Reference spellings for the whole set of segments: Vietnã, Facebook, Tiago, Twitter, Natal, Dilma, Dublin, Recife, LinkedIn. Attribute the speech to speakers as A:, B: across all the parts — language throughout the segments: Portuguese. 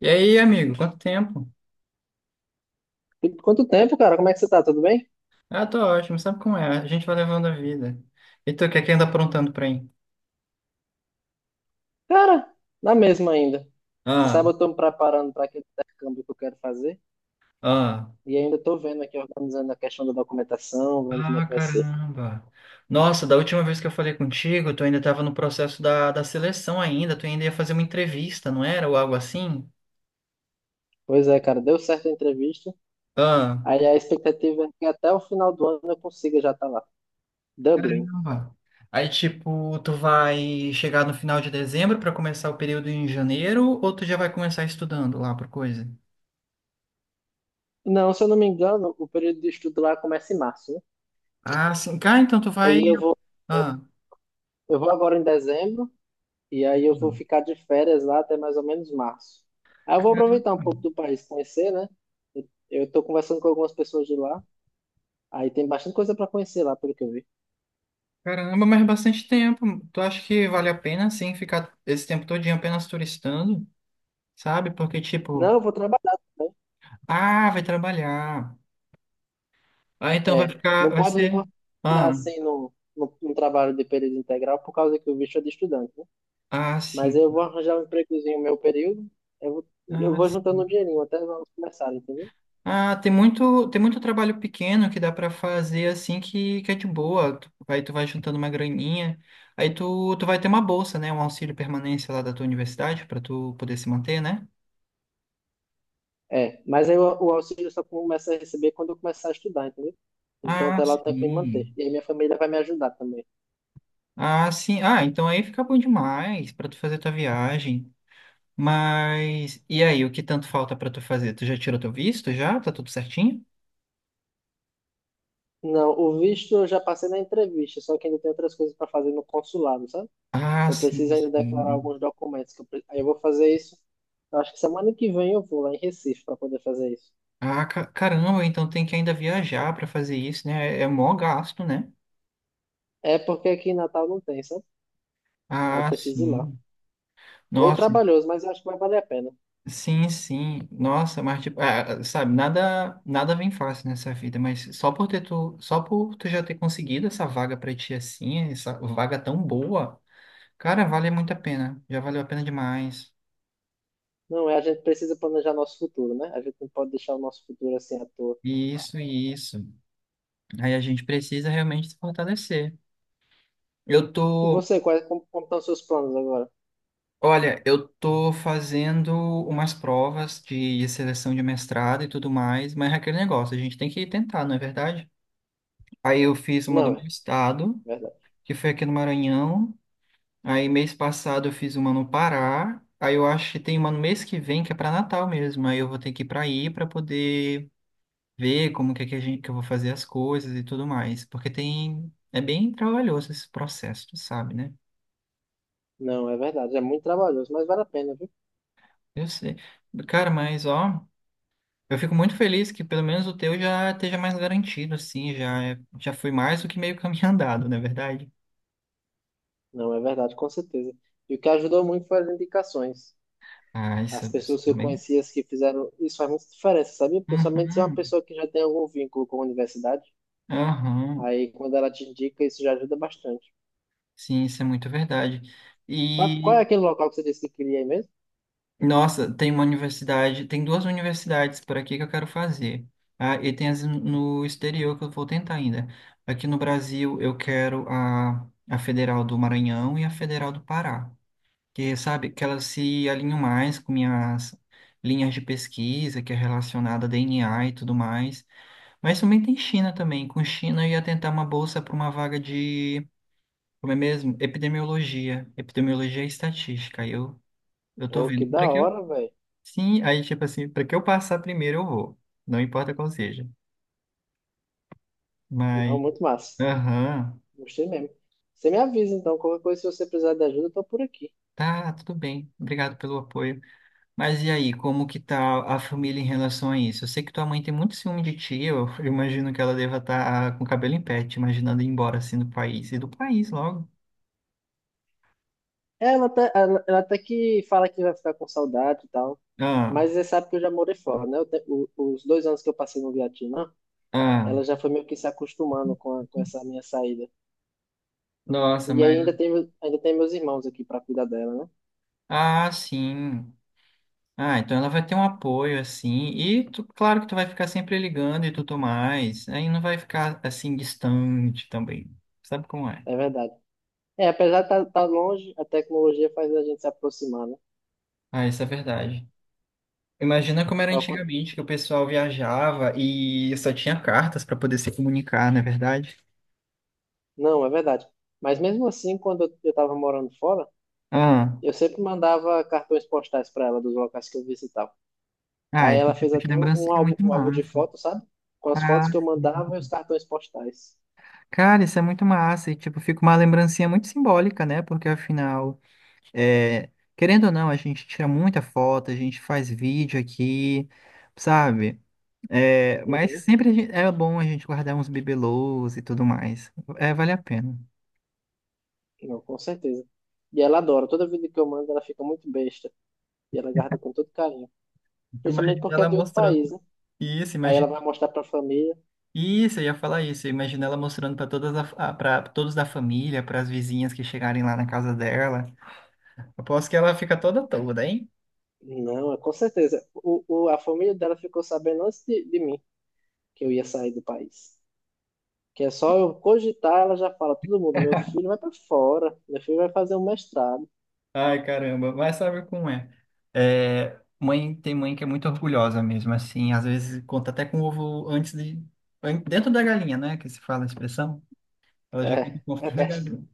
A: E aí, amigo, quanto tempo?
B: E quanto tempo, cara? Como é que você tá? Tudo bem?
A: Ah, tô ótimo, sabe como é? A gente vai levando a vida. E tu, o que é que anda aprontando pra mim?
B: Cara, na mesma ainda. Você sabe,
A: Ah,
B: eu tô me preparando para aquele intercâmbio que eu quero fazer
A: ah,
B: e ainda tô vendo aqui, organizando a questão da documentação, vendo como é
A: ah,
B: que vai ser.
A: caramba. Nossa, da última vez que eu falei contigo, tu ainda tava no processo da seleção ainda, tu ainda ia fazer uma entrevista, não era? Ou algo assim?
B: Pois é, cara, deu certo a entrevista.
A: Ah,
B: Aí a expectativa é que até o final do ano eu consiga já estar lá. Dublin.
A: caramba. Aí, tipo, tu vai chegar no final de dezembro pra começar o período em janeiro, ou tu já vai começar estudando lá por coisa?
B: Não, se eu não me engano, o período de estudo lá começa em março, né?
A: Ah, sim. Cara, então tu vai.
B: Aí eu vou, eu,
A: Ah,
B: eu vou agora em dezembro. E aí eu vou
A: sim.
B: ficar de férias lá até mais ou menos março. Aí eu vou aproveitar um pouco do país, conhecer, né? Eu tô conversando com algumas pessoas de lá. Aí tem bastante coisa para conhecer lá, pelo que eu vi.
A: Caramba, mas é bastante tempo. Tu acha que vale a pena, assim, ficar esse tempo todinho apenas turistando, sabe? Porque,
B: Não,
A: tipo,
B: eu vou trabalhar também.
A: ah, vai trabalhar. Ah, então vai
B: É,
A: ficar,
B: não
A: vai
B: pode me
A: ser...
B: botar
A: Ah,
B: assim no trabalho de período integral por causa que o bicho é de estudante, né?
A: ah,
B: Mas
A: sim.
B: eu vou arranjar um empregozinho no meu período. Eu vou, eu
A: Ah,
B: vou
A: sim.
B: juntando um dinheirinho até nós começar, entendeu?
A: Ah, tem muito trabalho pequeno que dá pra fazer, assim, que é de boa. Tu, aí tu vai juntando uma graninha. Aí tu vai ter uma bolsa, né? Um auxílio permanência lá da tua universidade pra tu poder se manter, né?
B: É, mas aí o auxílio eu só começa a receber quando eu começar a estudar, entendeu? Então
A: Ah,
B: até lá eu tenho que me manter.
A: sim.
B: E aí minha família vai me ajudar também.
A: Ah, sim. Ah, então aí fica bom demais pra tu fazer tua viagem. Mas e aí, o que tanto falta pra tu fazer? Tu já tirou teu visto já? Tá tudo certinho?
B: Não, o visto eu já passei na entrevista, só que ainda tem outras coisas para fazer no consulado, sabe?
A: Ah,
B: Eu
A: sim,
B: preciso ainda declarar
A: sim.
B: alguns documentos. Aí eu vou fazer isso. Eu acho que semana que vem eu vou lá em Recife para poder fazer isso.
A: Ah, caramba, então tem que ainda viajar pra fazer isso, né? É é mó gasto, né?
B: É porque aqui em Natal não tem, sabe? Aí eu
A: Ah,
B: preciso ir lá.
A: sim.
B: Meio
A: Nossa,
B: trabalhoso, mas eu acho que vai valer a pena.
A: sim, sim. Nossa, mas tipo, ah, sabe, nada, nada vem fácil nessa vida, mas só por tu já ter conseguido essa vaga pra ti assim, essa vaga tão boa. Cara, vale muito a pena. Já valeu a pena demais.
B: Não, é, a gente precisa planejar nosso futuro, né? A gente não pode deixar o nosso futuro assim à toa.
A: Isso, isso. Aí a gente precisa realmente se fortalecer. Eu
B: E
A: tô,
B: você, como estão os seus planos agora?
A: olha, eu tô fazendo umas provas de seleção de mestrado e tudo mais, mas é aquele negócio, a gente tem que tentar, não é verdade? Aí eu fiz uma do
B: Não,
A: meu
B: é
A: estado,
B: verdade.
A: que foi aqui no Maranhão. Aí mês passado eu fiz uma no Pará. Aí eu acho que tem uma no mês que vem que é para Natal mesmo. Aí eu vou ter que ir para aí para poder ver como que, é que, a gente, que eu vou fazer as coisas e tudo mais. Porque tem. É bem trabalhoso esse processo, tu sabe, né?
B: Não, é verdade. É muito trabalhoso, mas vale a pena, viu?
A: Eu sei. Cara, mas ó, eu fico muito feliz que pelo menos o teu já esteja mais garantido, assim, já, já foi mais do que meio caminho andado, não é verdade?
B: Não, é verdade, com certeza. E o que ajudou muito foi as indicações.
A: Ah, isso,
B: As
A: isso
B: pessoas que eu
A: também.
B: conhecia que fizeram isso faz muita diferença, sabia? Principalmente se é uma
A: Uhum,
B: pessoa que já tem algum vínculo com a universidade.
A: aham.
B: Aí, quando ela te indica, isso já ajuda bastante.
A: Sim, isso é muito verdade.
B: Mas qual é
A: E
B: aquele local que você disse que queria ir mesmo?
A: nossa, tem uma universidade, tem duas universidades por aqui que eu quero fazer. Ah, e tem as no exterior que eu vou tentar ainda. Aqui no Brasil eu quero a Federal do Maranhão e a Federal do Pará, que sabe que elas se alinham mais com minhas linhas de pesquisa, que é relacionada a DNA e tudo mais. Mas também tem China também. Com China eu ia tentar uma bolsa para uma vaga de, como é mesmo? Epidemiologia, epidemiologia e estatística. Aí eu tô
B: Pô, que
A: vendo.
B: da hora, velho.
A: Sim, aí tipo assim, para que eu passar primeiro eu vou. Não importa qual seja.
B: Não,
A: Mas,
B: muito massa.
A: aham,
B: Gostei mesmo. Você me avisa, então, qualquer coisa, se você precisar de ajuda, eu tô por aqui.
A: tá, tudo bem. Obrigado pelo apoio. Mas e aí, como que tá a família em relação a isso? Eu sei que tua mãe tem muito ciúme de ti, eu imagino que ela deva estar com o cabelo em pé, te imaginando ir embora assim do país. E do país logo.
B: Ela até que fala que vai ficar com saudade e tal.
A: Ah,
B: Mas você sabe que eu já morei fora, né? Os 2 anos que eu passei no Vietnã.
A: ah.
B: Ela já foi meio que se acostumando com, com essa minha saída.
A: Nossa,
B: E aí ainda
A: mas.
B: tem, ainda tem meus irmãos aqui para cuidar dela, né?
A: Ah, sim. Ah, então ela vai ter um apoio, assim, e claro que tu vai ficar sempre ligando e tudo mais, aí não vai ficar, assim, distante também, sabe como é?
B: É verdade. É, apesar de estar tá longe, a tecnologia faz a gente se aproximar, né?
A: Ah, isso é verdade. Imagina como era
B: Ó, quan-
A: antigamente, que o pessoal viajava e só tinha cartas para poder se comunicar, não é verdade?
B: Não, é verdade. Mas mesmo assim, quando eu estava morando fora,
A: Ah,
B: eu sempre mandava cartões postais para ela dos locais que eu visitava.
A: ah,
B: Aí
A: esse
B: ela fez
A: tipo de
B: até um
A: lembrancinha é
B: álbum,
A: muito
B: um álbum de
A: massa.
B: fotos, sabe? Com as
A: Ah,
B: fotos que eu mandava e
A: sim.
B: os cartões postais.
A: Cara, isso é muito massa, e tipo, fica uma lembrancinha muito simbólica, né? Porque afinal... É, querendo ou não, a gente tira muita foto, a gente faz vídeo aqui, sabe? É, mas
B: Uhum.
A: sempre a é bom a gente guardar uns bibelôs e tudo mais. É, vale a pena.
B: Não, com certeza. E ela adora. Toda vida que eu mando, ela fica muito besta. E ela guarda com todo carinho. Principalmente
A: Imagina
B: porque é
A: ela
B: de outro
A: mostrando
B: país, né?
A: isso,
B: Aí ela
A: imagina
B: vai mostrar pra família.
A: isso, eu ia falar isso. Imagina ela mostrando para para todos da família, para as vizinhas que chegarem lá na casa dela. Aposto que ela fica toda toda, hein?
B: Não, é com certeza. A família dela ficou sabendo antes de mim que eu ia sair do país. Que é só eu cogitar, ela já fala, todo mundo, meu filho vai pra fora, meu filho vai fazer um mestrado.
A: Ai, caramba, mas sabe como é? É, mãe tem mãe que é muito orgulhosa mesmo, assim, às vezes conta até com o ovo antes de dentro da galinha, né, que se fala a expressão. Ela
B: É,
A: já conta com o
B: é
A: ovo dentro da
B: verdade.
A: galinha.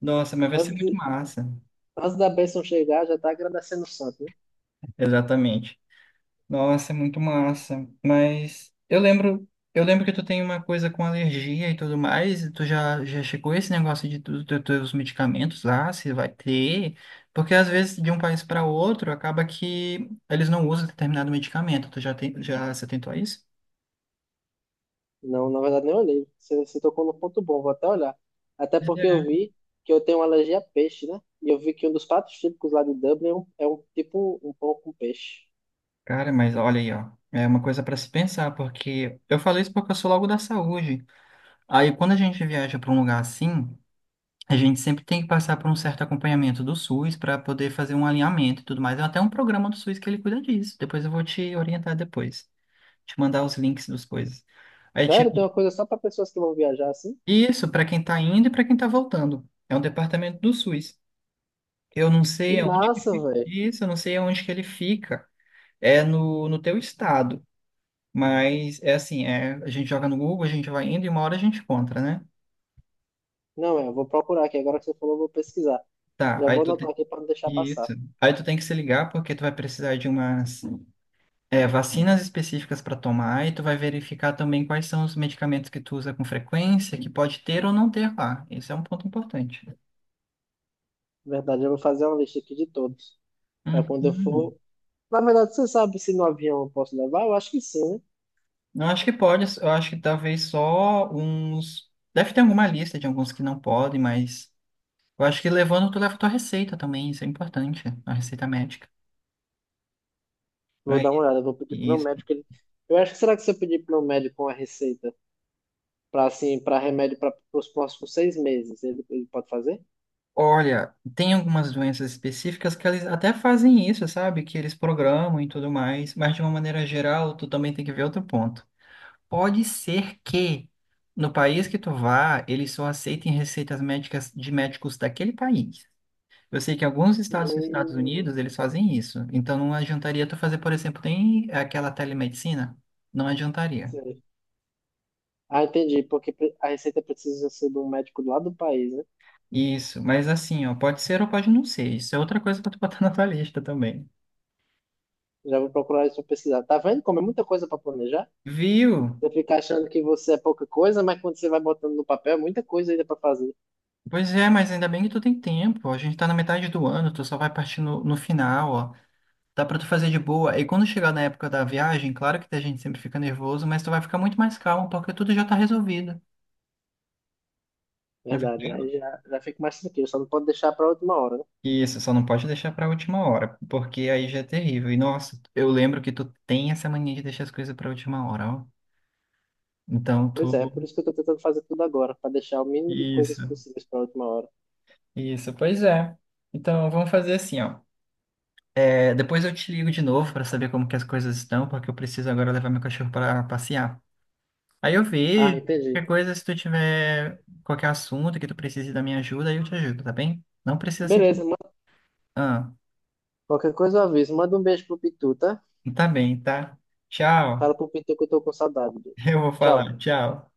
A: Nossa, mas vai ser
B: Antes,
A: muito
B: de,
A: massa.
B: antes da bênção chegar, já tá agradecendo o santo, né?
A: Exatamente. Nossa, é muito massa. Mas eu lembro que tu tem uma coisa com alergia e tudo mais. E tu já, já chegou esse negócio de tu, teus medicamentos lá, se vai ter? Porque às vezes de um país para outro acaba que eles não usam determinado medicamento. Tu já tem, já se atentou a isso?
B: Não, na verdade, nem olhei. Você tocou no ponto bom, vou até olhar. Até
A: Pois
B: porque eu
A: é.
B: vi que eu tenho uma alergia a peixe, né? E eu vi que um dos pratos típicos lá de Dublin é um tipo um pão com peixe.
A: Cara, mas olha aí, ó. É uma coisa para se pensar, porque eu falei isso porque eu sou logo da saúde. Aí quando a gente viaja para um lugar assim. A gente sempre tem que passar por um certo acompanhamento do SUS para poder fazer um alinhamento e tudo mais. É até um programa do SUS que ele cuida disso. Depois eu vou te orientar depois, te mandar os links das coisas. Aí,
B: Sério,
A: tipo,
B: tem uma coisa só para pessoas que vão viajar assim?
A: isso para quem está indo e para quem está voltando. É um departamento do SUS. Eu não
B: Que
A: sei aonde que
B: massa,
A: fica
B: velho.
A: isso, eu não sei aonde que ele fica. É no teu estado. Mas é assim, é, a gente joga no Google, a gente vai indo e uma hora a gente encontra, né?
B: Não, é, eu vou procurar aqui. Agora que você falou, eu vou pesquisar.
A: Tá,
B: Já
A: aí
B: vou
A: tu,
B: anotar aqui para não deixar passar.
A: isso. Aí tu tem que se ligar porque tu vai precisar de umas é, vacinas específicas para tomar e tu vai verificar também quais são os medicamentos que tu usa com frequência, que pode ter ou não ter lá. Esse é um ponto importante.
B: Na verdade, eu vou fazer uma lista aqui de todos. Para quando eu
A: Uhum.
B: for. Na verdade, você sabe se no avião eu posso levar? Eu acho que sim, né?
A: Eu acho que pode, eu acho que talvez só uns. Deve ter alguma lista de alguns que não podem, mas eu acho que levando, tu leva tua receita também, isso é importante, a receita médica.
B: Vou
A: É
B: dar uma olhada. Eu vou pedir pro meu
A: isso.
B: médico. Ele... Eu acho que será que se eu pedir pro meu médico uma receita para assim, para remédio para os próximos 6 meses, ele pode fazer?
A: Olha, tem algumas doenças específicas que eles até fazem isso, sabe? Que eles programam e tudo mais, mas de uma maneira geral, tu também tem que ver outro ponto. Pode ser que no país que tu vá, eles só aceitem receitas médicas de médicos daquele país. Eu sei que alguns estados dos Estados
B: Hum,
A: Unidos, eles fazem isso. Então não adiantaria tu fazer, por exemplo, tem aquela telemedicina. Não adiantaria.
B: sei. Ah, entendi. A receita precisa ser de um médico lá do país, né?
A: Isso, mas assim, ó, pode ser ou pode não ser. Isso é outra coisa para tu botar na tua lista também.
B: Já vou procurar isso pra pesquisar. Tá vendo como é muita coisa pra planejar?
A: Viu?
B: Você fica achando que você é pouca coisa, mas quando você vai botando no papel, é muita coisa ainda pra fazer.
A: Pois é, mas ainda bem que tu tem tempo. A gente tá na metade do ano, tu só vai partir no final, ó. Dá pra tu fazer de boa. E quando chegar na época da viagem, claro que a gente sempre fica nervoso, mas tu vai ficar muito mais calmo porque tudo já tá resolvido. Né?
B: Verdade, né? Aí já fica mais tranquilo, só não pode deixar pra última hora, né?
A: Isso, só não pode deixar pra última hora, porque aí já é terrível. E nossa, eu lembro que tu tem essa mania de deixar as coisas pra última hora, ó. Então
B: Pois
A: tu.
B: é, por isso que eu tô tentando fazer tudo agora, pra deixar o mínimo de coisas
A: Isso,
B: possíveis pra última hora.
A: isso, pois é. Então vamos fazer assim, ó. É, depois eu te ligo de novo pra saber como que as coisas estão, porque eu preciso agora levar meu cachorro pra passear. Aí eu
B: Ah,
A: vejo, qualquer
B: entendi.
A: coisa, se tu tiver qualquer assunto que tu precise da minha ajuda, aí eu te ajudo, tá bem? Não precisa assim.
B: Beleza,
A: Ah,
B: qualquer coisa eu aviso. Manda um beijo pro Pitu, tá?
A: tá bem, tá?
B: Fala
A: Tchau.
B: pro Pitu que eu tô com saudade dele.
A: Eu vou falar,
B: Tchau.
A: tchau.